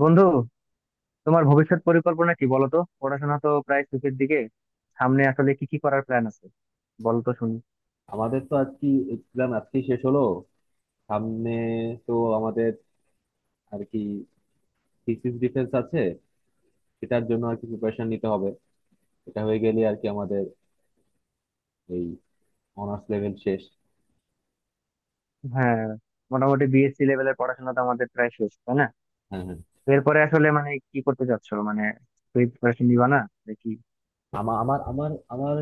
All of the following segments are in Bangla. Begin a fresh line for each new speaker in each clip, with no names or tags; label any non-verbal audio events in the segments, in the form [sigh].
বন্ধু, তোমার ভবিষ্যৎ পরিকল্পনা কি বলো তো? পড়াশোনা তো প্রায় শেষের দিকে, সামনে আসলে কি কি করার প্ল্যান আছে বলো তো শুনি।
আমাদের তো আজকে এক্সাম আজকে শেষ হলো। সামনে তো আমাদের আর কি থিসিস ডিফেন্স আছে, সেটার জন্য আর কি প্রিপারেশন নিতে হবে। এটা হয়ে গেলে আর কি আমাদের এই অনার্স লেভেল শেষ।
হ্যাঁ, মোটামুটি বিএসসি লেভেলের পড়াশোনা তো আমাদের প্রায় শেষ, তাই না?
হ্যাঁ হ্যাঁ।
এরপরে আসলে কি করতে চাচ্ছ? তুই প্রিপারেশন দিবা না নাকি?
আমার আমার আমার আমার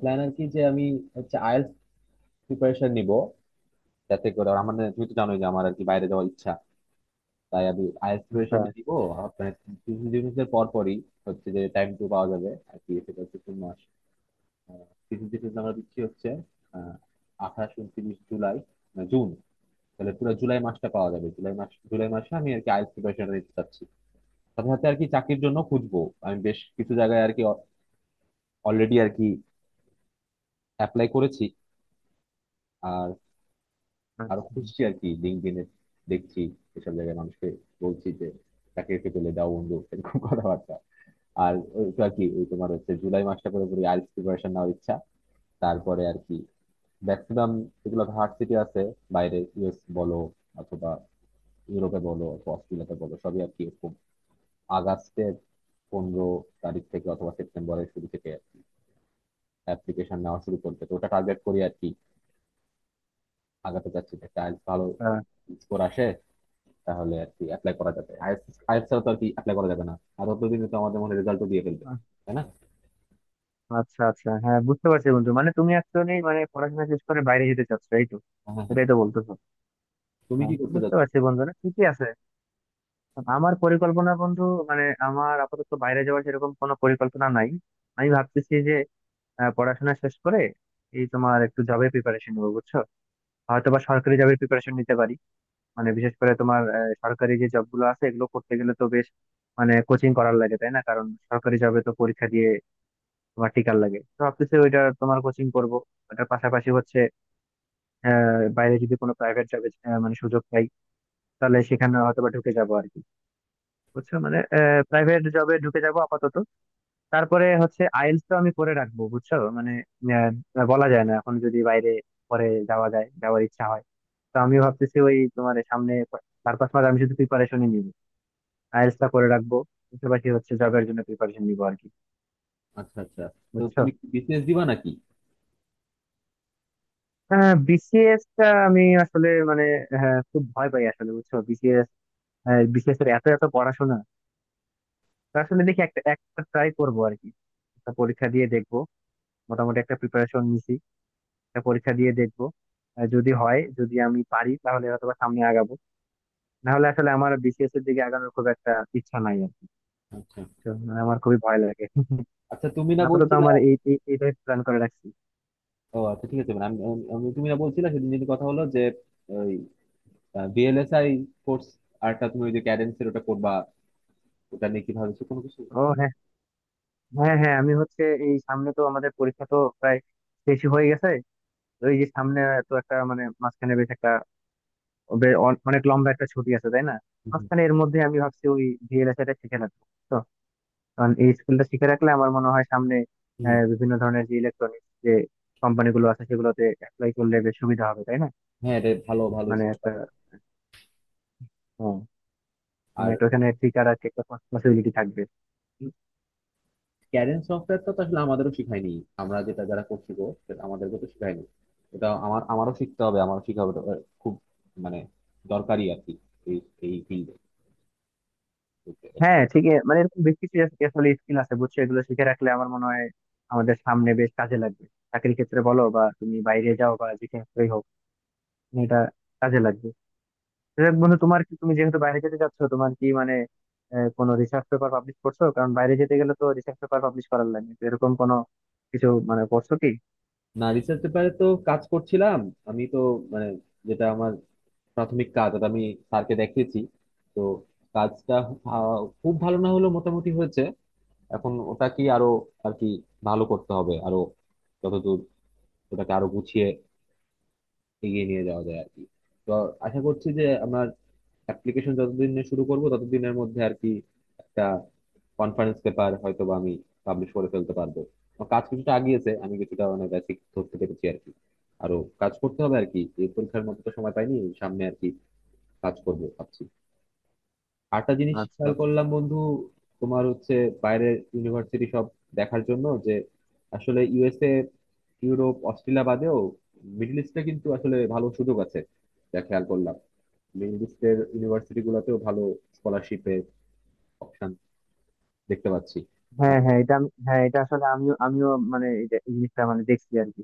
প্ল্যান আর কি যে আমি হচ্ছে আইএলটিএস প্রিপারেশন নিব, যাতে করে আমার তুমি তো জানোই যে আমার আর কি বাইরে যাওয়ার ইচ্ছা। তাই আমি আইএলটিএস
আচ্ছা
প্রিপারেশনটা নিব। আর মানে থিসিস ডিফেন্স এর পরপরই হচ্ছে যে টাইম টু পাওয়া যাবে আর কি, সেটা হচ্ছে 3 মাস। আহ, কিছু যেটা আমরা দিচ্ছি হচ্ছে আহ, 28 29 জুলাই, না, জুন। তাহলে পুরো জুলাই মাসটা পাওয়া যাবে। জুলাই মাস, জুলাই মাসে আমি আর কি আইএলটিএস প্রিপারেশনটা নিতে চাচ্ছি। সাথে সাথে আর কি চাকরির জন্য খুঁজবো। আমি বেশ কিছু জায়গায় আর কি অলরেডি আর কি অ্যাপ্লাই করেছি। আর
আচ্ছা।
আরো খুঁজছি আর কি লিঙ্কডইনে দেখছি, এসব জায়গায় মানুষকে বলছি যে চাকরিতে পেলে দাও বন্ধু, এরকম কথাবার্তা। আর ওই তো আর কি ওই তোমার হচ্ছে জুলাই মাসটা পুরোপুরি আইএলটিএস প্রিপারেশন নেওয়ার ইচ্ছা। তারপরে আর কি ম্যাক্সিমাম যেগুলো হার্ট সিটি আছে বাইরে, ইউএস বলো অথবা ইউরোপে বলো অথবা অস্ট্রেলিয়াতে বলো, সবই আর কি এরকম আগস্টের 15 তারিখ থেকে অথবা সেপ্টেম্বরের শুরু থেকে অ্যাপ্লিকেশন নেওয়া শুরু করবে, তো ওটা টার্গেট করি আর কি। আগাতে চাচ্ছি যে টাইলস ভালো
আহ,
স্কোর আসে, তাহলে আর কি অ্যাপ্লাই করা যাবে। আইএলটিএস আইএলটিএস ছাড়া তো আর কি অ্যাপ্লাই করা যাবে না। আর অতদিনে তো আমাদের মনে রেজাল্টও দিয়ে ফেলবে, তাই না।
আচ্ছা আচ্ছা, হ্যাঁ বুঝতে পারছি বন্ধু। তুমি একজনই পড়াশোনা শেষ করে বাইরে যেতে চাচ্ছ, এই তো?
হ্যাঁ হ্যাঁ হ্যাঁ।
এটাই তো বলতেছো?
তুমি
হ্যাঁ,
কি করতে
বুঝতে
চাচ্ছ?
পারছি বন্ধু, না ঠিকই আছে। আমার পরিকল্পনা বন্ধু, আমার আপাতত বাইরে যাওয়ার সেরকম কোনো পরিকল্পনা নাই। আমি ভাবতেছি যে পড়াশোনা শেষ করে এই তোমার একটু জবের প্রিপারেশন নেবো, বুঝছো? হয়তো বা সরকারি জবের প্রিপারেশন নিতে পারি। বিশেষ করে তোমার সরকারি যে জব গুলো আছে এগুলো করতে গেলে তো বেশ কোচিং করার লাগে, তাই না? কারণ সরকারি জবে তো পরীক্ষা দিয়ে তোমার টিকার লাগে, তো ভাবতেছি ওইটা তোমার কোচিং করব। ওটার পাশাপাশি হচ্ছে বাইরে যদি কোনো প্রাইভেট জবে সুযোগ পাই, তাহলে সেখানে হয়তো বা ঢুকে যাবো আর কি। বুঝছো প্রাইভেট জবে ঢুকে যাবো আপাতত। তারপরে হচ্ছে আইএলটিএস তো আমি করে রাখবো, বুঝছো বলা যায় না, এখন যদি বাইরে পরে যাওয়া যায়, যাওয়ার ইচ্ছা হয়। তো আমি ভাবতেছি ওই তোমার সামনে চার পাঁচ মাস আমি শুধু প্রিপারেশনই নিবো, আইএলটিএস টা করে রাখবো, পাশাপাশি হচ্ছে জবের জন্য প্রিপারেশন নিবো আর কি।
আচ্ছা আচ্ছা। তো
বুঝছো,
তুমি বিসিএস দিবা নাকি?
হ্যাঁ বিসিএস টা আমি আসলে হ্যাঁ, খুব ভয় পাই আসলে, বুঝছো? বিসিএস, বিসিএস এর এত এত পড়াশোনা। তো আসলে দেখি একটা একটা ট্রাই করবো আর কি, একটা পরীক্ষা দিয়ে দেখবো। মোটামুটি একটা প্রিপারেশন নিছি, একটা পরীক্ষা দিয়ে দেখবো। যদি হয়, যদি আমি পারি, তাহলে হয়তো বা সামনে আগাবো, না হলে আসলে আমার বিসিএস এর দিকে আগানোর খুব একটা ইচ্ছা নাই আর কি।
আচ্ছা
তো আমার খুবই ভয় লাগে [laughs]
আচ্ছা। আচ্ছা, তুমি না
আপাতত
বলছিলে।
আমার এই এই- এইটাই প্ল্যান করে রাখছি।
ও আচ্ছা, ঠিক আছে। মানে আমি আমি- আমি- তুমি না বলছিলে সেদিন, যদি কথা হলো যে ওই ভিএলএসআই কোর্স আরটা তুমি ওই যে ক্যাডেন্সের ওটা করবা, ওটা নিয়ে কি ভাবছো কোনো কিছু?
ও হ্যাঁ, হ্যাঁ হ্যাঁ, আমি হচ্ছে এই সামনে তো আমাদের পরীক্ষা তো প্রায় শেষই হয়ে গেছে। তো এই যে সামনে তো একটা মাঝখানে বেশ একটা অনেক লম্বা একটা ছুটি আছে, তাই না?
হুম, হুম,
মাঝখানে এর মধ্যে আমি ভাবছি ওই ভিএলএসআই টা শিখে নেবো, কারণ এই স্কিলটা শিখে রাখলে আমার মনে হয় সামনে
হুম।
বিভিন্ন ধরনের যে ইলেকট্রনিক্স যে কোম্পানিগুলো আছে সেগুলোতে অ্যাপ্লাই করলে বেশ সুবিধা হবে, তাই না?
হ্যাঁ রে, ভালো ভালো।
একটা হ্যাঁ,
আর
একটা ওখানে ফিচার আছে, একটা পসিবিলিটি থাকবে।
ক্যাডেন্স সফটওয়্যারটা তো আসলে আমাদেরও শিখায়নি। আমরা যেটা যারা করছি গো, সেটা আমাদেরকে তো শিখায়নি। এটা আমার, আমারও শিখতে হবে, আমারও শিখা হবে এটা। খুব মানে দরকারি আর কি এই এই ফিল্ডে।
হ্যাঁ ঠিক এ- মানে এরকম বেশ কিছু আসলে স্কিল আছে বুঝছো, এগুলো শিখে রাখলে আমার মনে হয় আমাদের সামনে বেশ কাজে লাগবে। চাকরির ক্ষেত্রে বলো বা তুমি বাইরে যাও বা যেখানে হোক, এটা কাজে লাগবে। যাক বন্ধু, তোমার কি, তুমি যেহেতু বাইরে যেতে চাচ্ছ তোমার কি কোনো রিসার্চ পেপার পাবলিশ করছো? কারণ বাইরে যেতে গেলে তো রিসার্চ পেপার পাবলিশ করার লাগে, তো এরকম কোনো কিছু করছো কি?
না, রিসার্চ পেপারে তো কাজ করছিলাম। আমি তো মানে যেটা আমার প্রাথমিক কাজ এটা আমি স্যারকে দেখিয়েছি। তো কাজটা আহ, খুব ভালো না হলেও মোটামুটি হয়েছে। এখন ওটাকে আরো আর কি ভালো করতে হবে, আরো যতদূর ওটাকে আরো গুছিয়ে এগিয়ে নিয়ে যাওয়া যায় আর কি। তো আশা করছি যে আমার অ্যাপ্লিকেশন যতদিনে শুরু করব ততদিনের মধ্যে আর কি একটা কনফারেন্স পেপার হয়তো বা আমি পাবলিশ করে ফেলতে পারবো। আমার কাজ কিছুটা আগিয়েছে, আমি কিছুটা মানে বেসিক ধরতে পেরেছি আর কি। আরো কাজ করতে হবে আর কি, এই পরীক্ষার মতো তো সময় পাইনি। সামনে আর কি কাজ করবো ভাবছি। আরেকটা জিনিস
আচ্ছা
খেয়াল
আচ্ছা,
করলাম বন্ধু, তোমার হচ্ছে বাইরের ইউনিভার্সিটি সব দেখার জন্য, যে আসলে ইউএসএ, ইউরোপ, অস্ট্রেলিয়া বাদেও মিডল ইস্টে কিন্তু আসলে ভালো সুযোগ আছে। যা খেয়াল করলাম, মিডল ইস্টের ইউনিভার্সিটি গুলোতেও ভালো স্কলারশিপের অপশন দেখতে পাচ্ছি।
হ্যাঁ
বা-
হ্যাঁ এটা আমি- হ্যাঁ এটা আসলে আমিও আমিও এই জিনিসটা দেখছি আর কি।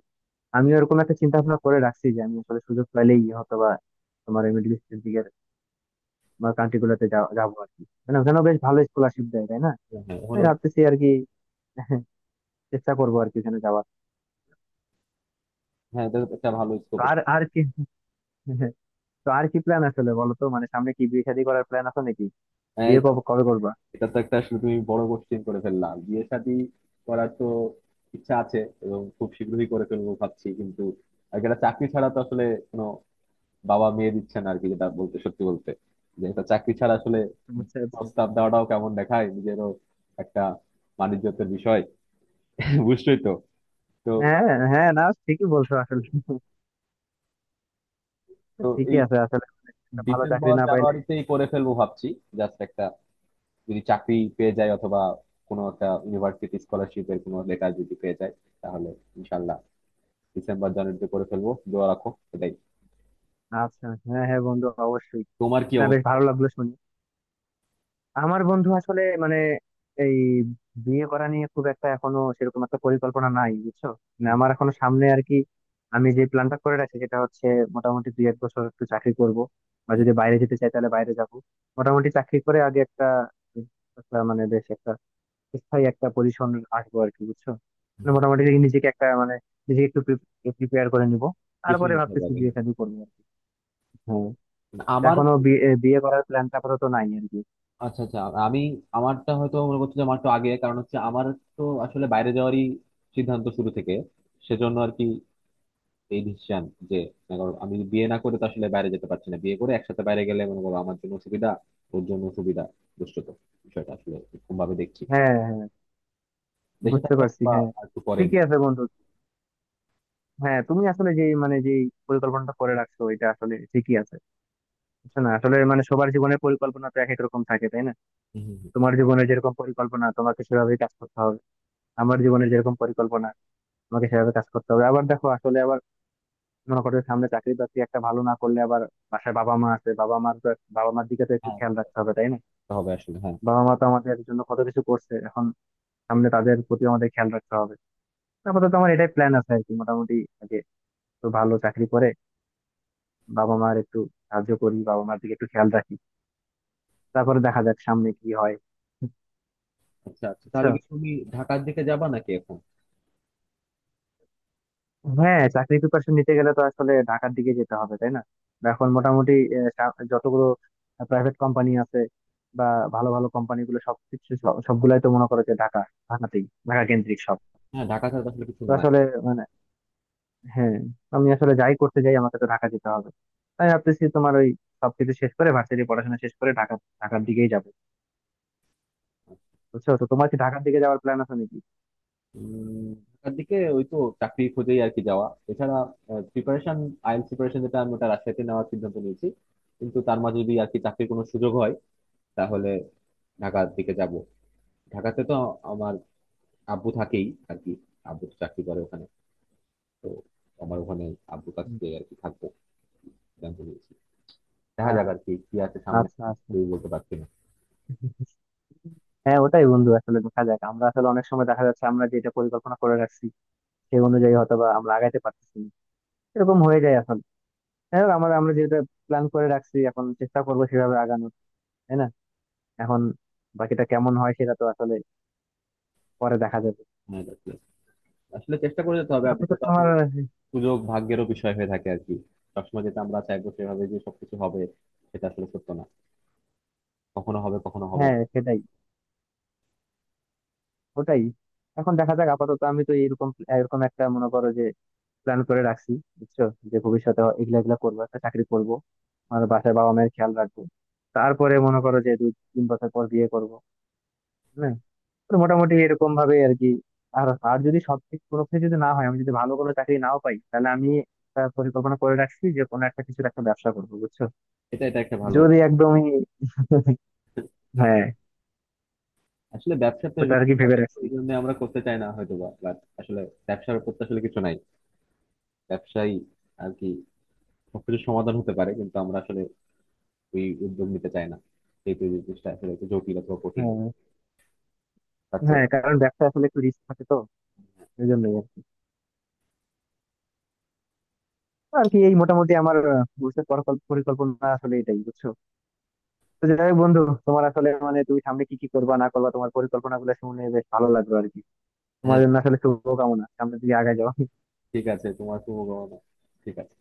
আমিও এরকম একটা চিন্তা ভাবনা করে রাখছি যে আমি আসলে সুযোগ পাইলেই হয়তো বা তোমার এই মিডল ইস্টের দিকের বা কান্ট্রি গুলোতে যাবো আর কি। ওখানেও বেশ ভালো স্কলারশিপ দেয়, তাই না?
হ্যাঁ
তাই
ওখানেও।
ভাবতেছি আর কি, চেষ্টা করবো আর কি ওখানে যাওয়ার।
হ্যাঁ, এটা তো একটা ভালো
তো
স্কোপ
আর
এটা।
আর কি [laughs] তো আর কি প্ল্যান আসলে, বলো তো সামনে কি বিয়ে শাদী করার প্ল্যান আছে নাকি?
হ্যাঁ
বিয়ে
এটা
কবে কবে করবা?
এটা তো একটা, আসলে তুমি বড় কোশ্চেন করে ফেললা। বিয়ে শাদী করার তো ইচ্ছা আছে, এবং খুব শীঘ্রই করে ফেলবো ভাবছি, কিন্তু আর একটা চাকরি ছাড়া তো আসলে কোনো বাবা মেয়ে দিচ্ছে না আর কি, যেটা বলতে, সত্যি বলতে, যে একটা চাকরি ছাড়া আসলে
আচ্ছা আচ্ছা,
প্রস্তাব দেওয়াটাও কেমন দেখায়। নিজেরও একটা বাণিজ্যের বিষয় [laughs] বুঝছোই তো। তো
হ্যাঁ হ্যাঁ, না ঠিকই বলছো আসলে।
তো
ঠিকই
এই
আছে আসলে, একটা ভালো চাকরি
ডিসেম্বর
না পাইলে।
জানুয়ারিতেই করে ফেলবো ভাবছি। জাস্ট একটা, যদি চাকরি পেয়ে যায়, অথবা কোনো একটা ইউনিভার্সিটি স্কলারশিপের কোনো লেটার যদি পেয়ে যায়, তাহলে ইনশাল্লাহ ডিসেম্বর জানুয়ারিতে করে ফেলবো, দোয়া রাখো। এটাই।
আচ্ছা, হ্যাঁ হ্যাঁ, বন্ধু অবশ্যই।
তোমার কি
না, বেশ
অবস্থা
ভালো
বলো?
লাগলো শুনে। আমার বন্ধু আসলে এই বিয়ে করা নিয়ে খুব একটা এখনো সেরকম একটা পরিকল্পনা নাই বুঝছো।
হুম,
আমার এখনো সামনে আর কি, আমি যে প্ল্যানটা করে রাখছি সেটা হচ্ছে মোটামুটি দুই এক বছর একটু চাকরি করব, বা
হুম,
যদি বাইরে যেতে চাই তাহলে বাইরে যাব। মোটামুটি চাকরি করে আগে একটা, একটা বেশ একটা স্থায়ী একটা পজিশন আসবো আর কি, বুঝছো?
হুম, হুম।
মোটামুটি নিজেকে একটা নিজেকে একটু প্রিপেয়ার করে নিব,
গুছিয়ে
তারপরে
নিতে হবে
ভাবতেছি
আগে,
বিয়ে
হ্যাঁ।
শাদী করবো আর কি। হ্যাঁ, তো
আমার
এখনো বিয়ে বিয়ে করার প্ল্যানটা আপাতত নাই আর কি।
আচ্ছা আচ্ছা। আমি আমারটা হয়তো মনে করছি যে আমার একটু আগে, কারণ হচ্ছে আমার তো আসলে বাইরে যাওয়ারই সিদ্ধান্ত শুরু থেকে, সেজন্য আর কি এই ডিসিশন যে মনে করো, আমি বিয়ে না করে তো আসলে বাইরে যেতে পারছি না। বিয়ে করে একসাথে বাইরে গেলে, মনে করো, আমার জন্য সুবিধা, ওর জন্য সুবিধা, দুষ্টত, বিষয়টা আসলে এরকম ভাবে দেখছি।
হ্যাঁ হ্যাঁ।
দেশে
বুঝতে
থাকলে
পারছি
বা
হ্যাঁ,
আর একটু পরে
ঠিকই
দেখবো।
আছে বন্ধু। হ্যাঁ তুমি আসলে যে যে পরিকল্পনাটা করে রাখছো এটা আসলে ঠিকই আছে বুঝছো, না আসলে সবার জীবনের পরিকল্পনা তো এক এক রকম থাকে, তাই না?
হুম, হুম, হুম।
তোমার জীবনে যেরকম পরিকল্পনা তোমাকে সেভাবে কাজ করতে হবে, আমার জীবনে যেরকম পরিকল্পনা তোমাকে সেভাবে কাজ করতে হবে। আবার দেখো আসলে, আবার মনে করো যে সামনে চাকরি বাকরি একটা ভালো না করলে, আবার বাসায় বাবা মা আছে, বাবা মার তো, বাবা মার দিকে তো একটু
হ্যাঁ
খেয়াল রাখতে হবে, তাই না?
হবে আসলে, হ্যাঁ।
বাবা মা তো আমাদের জন্য কত কিছু করছে, এখন সামনে তাদের প্রতি আমাদের খেয়াল রাখতে হবে। আপাতত আমার এটাই প্ল্যান আছে আর কি, মোটামুটি আগে তো ভালো চাকরি করে বাবা মার একটু সাহায্য করি, বাবা মার দিকে একটু খেয়াল রাখি, তারপরে দেখা যাক সামনে কি হয়।
আচ্ছা আচ্ছা, তাহলে
বুঝছো,
কি তুমি ঢাকার দিকে যাবা নাকি এখন?
হ্যাঁ চাকরি প্রিপারেশন নিতে গেলে তো আসলে ঢাকার দিকে যেতে হবে, তাই না? বা এখন মোটামুটি যতগুলো প্রাইভেট কোম্পানি আছে বা ভালো ভালো কোম্পানি গুলো সবকিছু সবগুলাই তো মনে করো যে ঢাকা, ঢাকাতেই, ঢাকা কেন্দ্রিক সব।
হ্যাঁ, ঢাকা ছাড়া তো আসলে কিছু
তো
নাই।
আসলে মানে হ্যাঁ, আমি আসলে যাই করতে যাই আমাকে তো ঢাকা যেতে হবে। তাই ভাবতেছি তোমার ওই সবকিছু শেষ করে ভার্সিটি পড়াশোনা শেষ করে ঢাকা, ঢাকার দিকেই যাবো। বুঝছো, তো তোমার কি ঢাকার দিকে যাওয়ার প্ল্যান আছে নাকি?
উম, ঢাকার দিকে ওই তো চাকরি খুঁজেই আর কি যাওয়া। এছাড়া প্রিপারেশন, আইএলটিএস প্রিপারেশন যেটা আমি, ওটা রাজশাহীতে নেওয়ার সিদ্ধান্ত নিয়েছি। কিন্তু তার মাঝে যদি আর কি চাকরির কোনো সুযোগ হয় তাহলে ঢাকার দিকে যাব। ঢাকাতে তো আমার আব্বু থাকেই আর কি, আব্বু তো চাকরি করে ওখানে। তো আমার ওখানে আব্বুর কাছ থেকে আর কি থাকবো সিদ্ধান্ত নিয়েছি। দেখা
হুম।
যাক আর কি কি আছে সামনে,
আচ্ছা আচ্ছা,
কিছুই বলতে পারছি না।
হ্যাঁ ওটাই বন্ধু, আসলে দেখা যাক। আমরা আসলে অনেক সময় দেখা যাচ্ছে আমরা যেটা পরিকল্পনা করে রাখছি সেই অনুযায়ী হয়তো বা আমরা আগাইতে পারতেছি না, এরকম হয়ে যায় আসলে। হ্যাঁ, আমরা আমরা যেটা প্ল্যান করে রাখছি এখন চেষ্টা করবো সেভাবে আগানোর, তাই না? এখন বাকিটা কেমন হয় সেটা তো আসলে পরে দেখা যাবে।
হ্যাঁ, আর কি। আসলে চেষ্টা করে যেতে হবে। আর
আপাতত
বিষয়টা
আমার,
আসলে সুযোগ, ভাগ্যেরও বিষয় হয়ে থাকে আর কি। সবসময় যেটা আমরা চাইবো সেভাবে যে সবকিছু হবে সেটা আসলে সত্য না। কখনো হবে, কখনো হবে না।
হ্যাঁ সেটাই, ওটাই। এখন দেখা যাক, আপাতত আমি তো এরকম এরকম একটা, মনে করো যে প্ল্যান করে রাখছি বুঝছো, যে ভবিষ্যতে এগুলা এগুলা করবো, একটা চাকরি করব, আমার বাসায় বাবা মায়ের খেয়াল রাখবো, তারপরে মনে করো যে দুই তিন বছর পর বিয়ে করবো। হ্যাঁ, তো মোটামুটি এরকম ভাবে আর কি। আর আর যদি সব কিছু, কোনো কিছু যদি না হয়, আমি যদি ভালো কোনো চাকরি নাও পাই, তাহলে আমি একটা পরিকল্পনা করে রাখছি যে কোনো একটা কিছুর একটা ব্যবসা করবো, বুঝছো?
এটা এটা একটা ভালো।
যদি একদমই, হ্যাঁ
আসলে ব্যবসাতে
ওটা আর
risk
কি ভেবে
থাকে, তো
রাখছি।
ওই জন্য আমরা করতে চাই না হয়তো বা, বাট আসলে ব্যবসার উপর তো আসলে কিছু নাই। ব্যবসায়ী আর কি সবকিছু সমাধান হতে পারে, কিন্তু আমরা আসলে ওই উদ্যোগ নিতে চাই না, যেহেতু এই জিনিসটা আসলে একটু জটিল অথবা কঠিন হবে।
হ্যাঁ
আচ্ছা।
হ্যাঁ, কারণ ব্যবসা আসলে একটু রিস্ক থাকে তো, এই জন্যই আর কি। আর কি এই মোটামুটি আমার ভবিষ্যৎ পরিকল্পনা আসলে এটাই বুঝছো। তো যাই হোক বন্ধু, তোমার আসলে তুমি সামনে কি কি করবা না করবা তোমার পরিকল্পনা গুলো শুনে বেশ ভালো লাগলো আর কি। তোমার
হ্যাঁ
জন্য আসলে শুভকামনা, সামনের দিকে আগায় যাও।
ঠিক আছে, তোমার শুভকামনা। ঠিক আছে।